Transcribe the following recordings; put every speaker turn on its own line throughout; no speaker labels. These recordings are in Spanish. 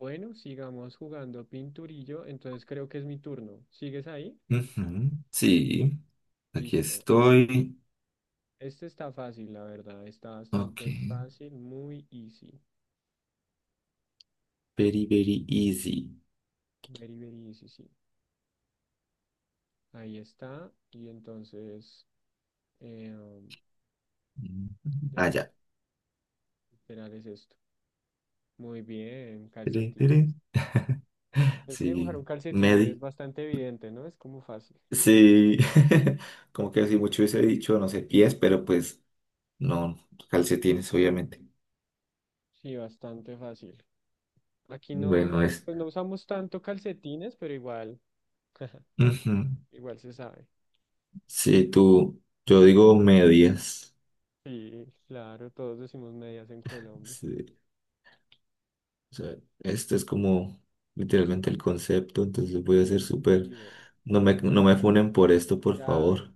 Bueno, sigamos jugando pinturillo, entonces creo que es mi turno. ¿Sigues ahí?
Ujú, sí, aquí
Listo.
estoy.
Este está fácil, la verdad. Está
Ok.
bastante fácil, muy easy.
Very, very easy.
Very, very easy, sí. Ahí está. Y entonces, eh, um,
Ujú. Ah,
ya,
ya.
literal es esto. Muy bien,
Tere, tere.
calcetines. Es que dibujar
Sí.
un calcetín es
Medi.
bastante evidente, ¿no? Es como fácil.
Sí. Como que así mucho hubiese dicho, no sé, pies, pero pues no, calcetines, obviamente.
Sí, bastante fácil. Aquí no,
Bueno, es.
pues no usamos tanto calcetines, pero igual,
Ujú.
igual se sabe.
Sí, tú. Yo digo medias.
Sí, claro, todos decimos medias en Colombia.
Sí, o sea, este es como literalmente el concepto, entonces voy a ser súper.
Vestido,
No me funen por esto, por
llave,
favor.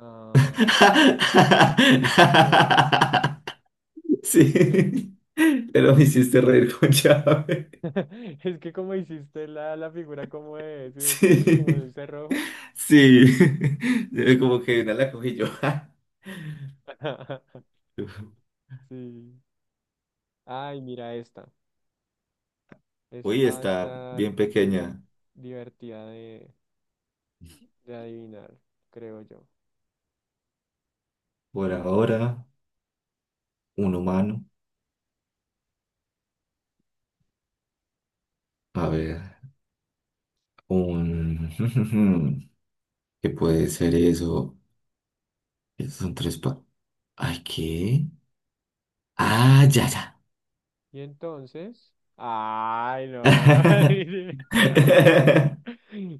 ah, mujer, mujer.
Sí, pero me hiciste reír con llave.
Es que como hiciste la figura como de, ¿sí me entiendes? Como de
Sí,
un cerrojo.
sí. Yo como que una la cogí yo.
Sí. Ay, mira esta. Esta
Uy,
va a
está
estar
bien pequeña.
divertida de adivinar, creo yo.
Por ahora, un humano. A ver, un... ¿Qué puede ser eso? Esos son tres pa... Ay, ¿qué? Ah, ya, ya.
Y entonces, ay, no.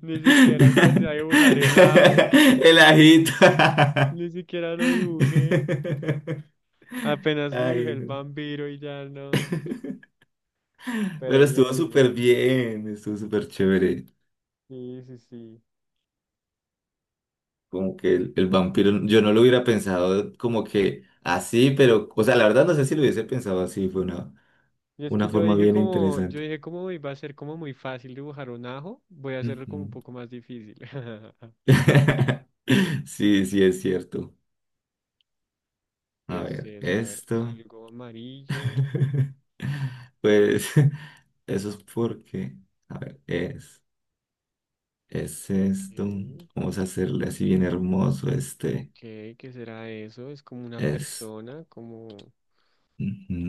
Ni siquiera alcancé a dibujar el ajo.
El ajito.
Ni siquiera lo dibujé. Apenas dibujé
Ay,
el
no.
vampiro y ya no. Pero
Pero estuvo
bien,
súper
bien.
bien, estuvo súper chévere.
Sí, sí, sí.
Como que el vampiro, yo no lo hubiera pensado como que así, pero, o sea, la verdad no sé si lo hubiese pensado así, fue
Y es que
una forma bien
yo
interesante.
dije como iba a ser como muy fácil dibujar un ajo, voy a hacerlo como un
Ujú.
poco más difícil.
Sí, sí, es cierto.
¿Qué
A
es
ver,
eso? A ver,
esto.
algo amarillo.
Pues eso es porque, a ver, es
Ok.
esto. Vamos a hacerle así bien hermoso
Ok,
este.
¿qué será eso? Es como una
Es.
persona, como,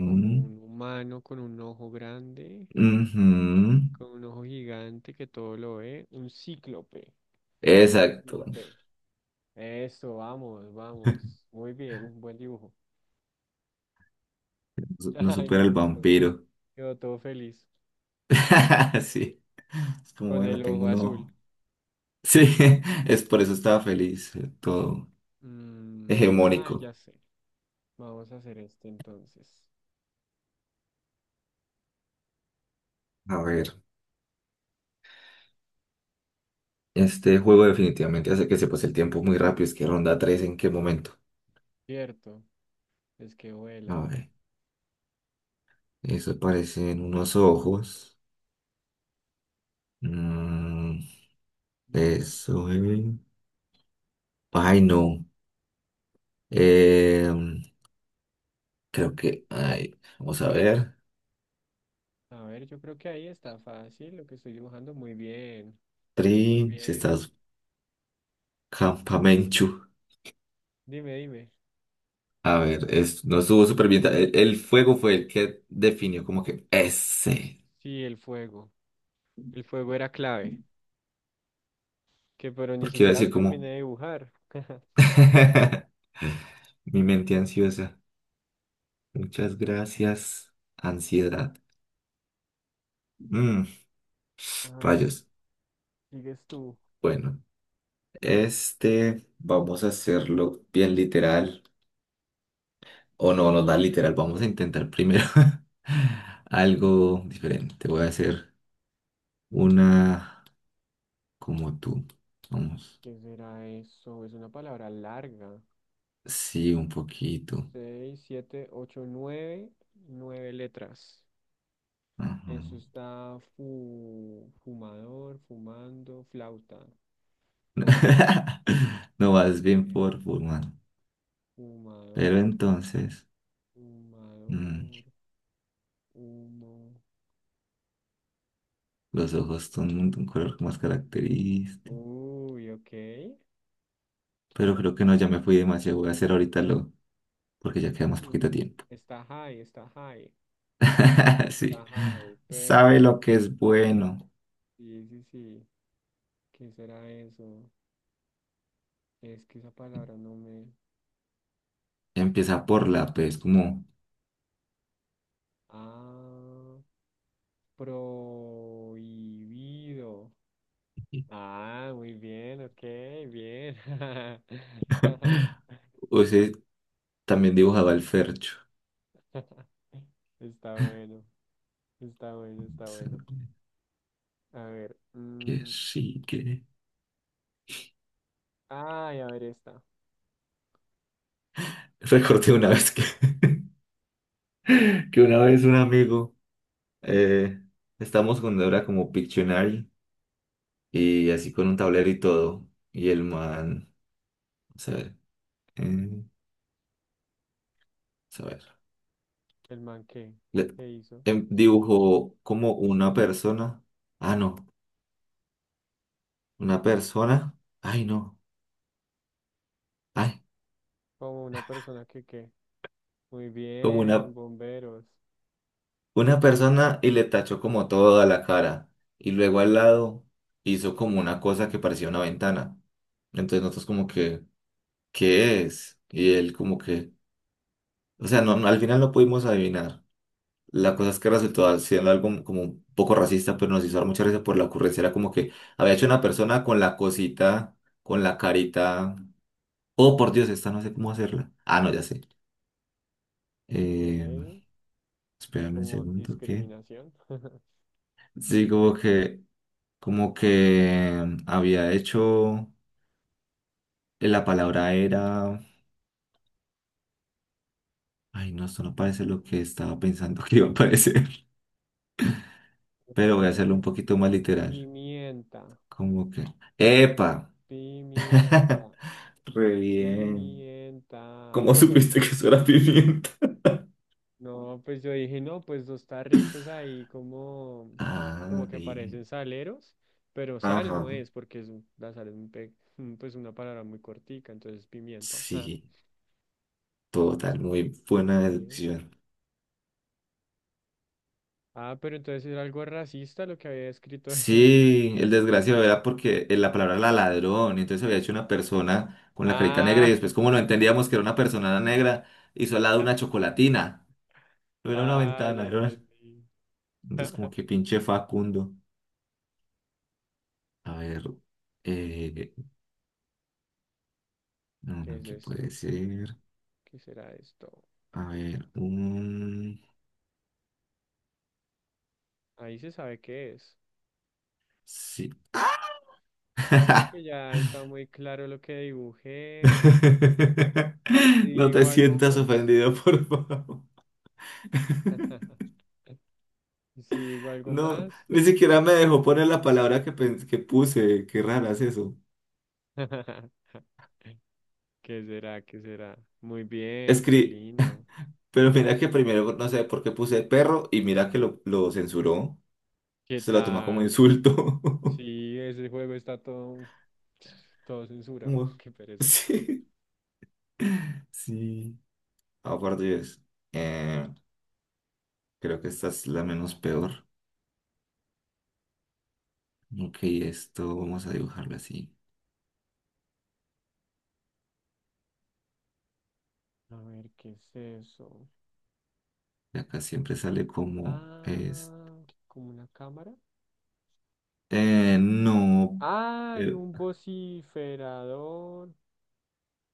como un humano con un ojo grande,
ujú.
con un ojo gigante que todo lo ve. Un cíclope. No.
Exacto.
Eso, vamos, vamos. Muy bien, buen dibujo.
No, no
Ay, me
supera el
gustó.
vampiro.
Quedó todo feliz
Sí. Es como,
con
bueno,
el
tengo
ojo azul.
uno. Sí, es por eso estaba feliz. Todo
Mm, ah, ya
hegemónico.
sé. Vamos a hacer este entonces.
A ver. Este juego definitivamente hace que se pase el tiempo muy rápido. Es que ronda 3 en qué momento.
Cierto, es que
A
vuela.
ver. Eso aparecen unos ojos. Mm,
No,
eso. Ay, no. Em, creo que. Ay, vamos a ver.
a ver, yo creo que ahí está fácil lo que estoy dibujando. Muy bien, muy
Trin, si
bien.
estás campamenchu.
Dime, dime.
A ver, es, no estuvo súper bien. El fuego fue el que definió como que ese.
Sí, el fuego. El fuego era clave, que pero ni
Porque iba a
siquiera lo
decir como
terminé de dibujar.
mi mente ansiosa. Muchas gracias. Ansiedad. Mm,
A ver,
rayos.
sigues tú.
Bueno, este vamos a hacerlo bien literal. O no, no da literal. Vamos a intentar primero algo diferente. Voy a hacer una como tú. Vamos.
¿Qué será eso? Es una palabra larga.
Sí, un poquito.
6, 7, 8, 9, 9 letras.
Ajá.
Eso está fumador, fumando, flauta, comiendo,
No vas bien
eh,
por Pullman. Pero
fumador,
entonces, mm,
fumador, humo.
los ojos son un color más característico.
Uy, ok,
Pero creo que
ok.
no, ya me fui demasiado. Voy a hacer ahorita lo, porque ya queda más poquito
Hmm,
tiempo.
está high, está high, está
Sí.
high,
Sabe
pero
lo que es bueno.
sí, sí, sí. ¿Qué será eso? Es que esa palabra no me...
Empieza por la P, es como.
Ah. Prohibido. Ah, muy bien, ok, bien.
O sea, también dibujaba el Fercho.
Está bueno, está bueno, está bueno. A ver.
Que sí, que.
Ay, a ver esta.
Recordé una vez que, que
¿Qué
una
cosa?
vez un amigo. Eh, estamos con Débora como Pictionary y así con un tablero y todo. Y el man, vamos a ver, vamos a ver.
¿El man qué?
Le-
¿Qué hizo?
dibujó como una persona. Ah, no, una persona. Ay, no, ay,
Como una persona que qué. Muy
como
bien, bomberos.
una persona y le tachó como toda la cara. Y luego al lado hizo como una cosa que parecía una ventana. Entonces nosotros como que, ¿qué es? Y él como que, o sea, no, no, al final no pudimos adivinar. La cosa es que resultó siendo algo como un poco racista, pero nos hizo dar mucha risa por la ocurrencia. Era como que había hecho una persona con la cosita, con la carita. Oh, por Dios, esta no sé cómo hacerla. Ah, no, ya sé.
Ok.
Eh, espérame un
Como
segundo, ¿qué?
discriminación.
Sí, como que había hecho. La palabra era. Ay, no, esto no parece lo que estaba pensando que iba a parecer.
Ok,
Pero voy a hacerlo un
eso es.
poquito más literal.
Pimienta,
Como que. ¡Epa!
pimienta,
Re bien.
pimienta.
¿Cómo supiste que eso era pimienta?
No, pues yo dije, no, pues dos tarritos ahí como, como
Ah,
que
bien.
parecen saleros, pero sal
Ajá.
no es, porque es, la sal es un pues una palabra muy cortica, entonces es pimienta. Ja.
Sí, total, muy buena
Ok.
deducción.
Ah, pero entonces era algo racista lo que había escrito ahí.
Sí, el desgraciado era porque la palabra era ladrón, y entonces había hecho una persona con la carita negra y
Ah,
después como no entendíamos que era una persona negra, hizo al lado una chocolatina. No era una
ah, ya
ventana, era una-
entendí.
Entonces como que pinche Facundo. A ver, eh,
¿Qué
mm,
es
¿qué
esto?
puede ser?
¿Qué será esto?
A ver, un...
Ahí se sabe qué es.
Sí.
Yo creo que ya está muy claro lo que dibujé.
No te
¿Digo algo
sientas
más?
ofendido, por favor.
Sí, o algo
No,
más.
ni siquiera me dejó poner la palabra que, pens- que puse. Qué rara es eso.
¿Qué será? ¿Qué será? Muy bien,
Escri,
felino.
pero mira que primero no sé por qué puse perro y mira que lo censuró.
¿Qué
Se lo toma como
tal?
insulto.
Sí, ese juego está todo, todo censurado.
Como-
Qué pereza.
Sí, sí. Aparte es, eh, creo que esta es la menos peor. Ok, esto vamos a dibujarlo así.
A ver, ¿qué es eso?
Y acá siempre sale como es.
Ah, como una cámara.
No.
Ah, y un vociferador,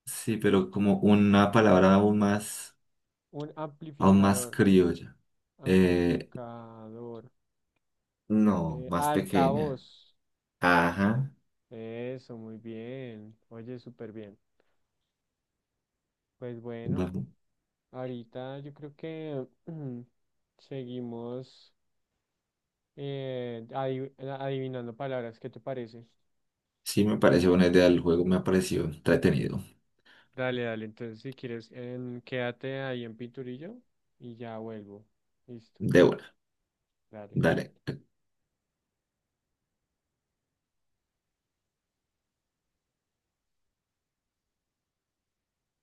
Sí, pero como una palabra
un
aún más
amplificador,
criolla. Eh,
amplificador,
no, más pequeña.
altavoz.
Ajá.
Eso, muy bien. Oye, súper bien. Pues bueno,
Vamos.
ahorita yo creo que seguimos eh, adiv- adivinando palabras. ¿Qué te parece?
Sí, me pareció buena idea el juego, me ha parecido entretenido.
Dale, dale. Entonces, si quieres, quédate ahí en Pinturillo y ya vuelvo. Listo.
De una,
Dale.
dale.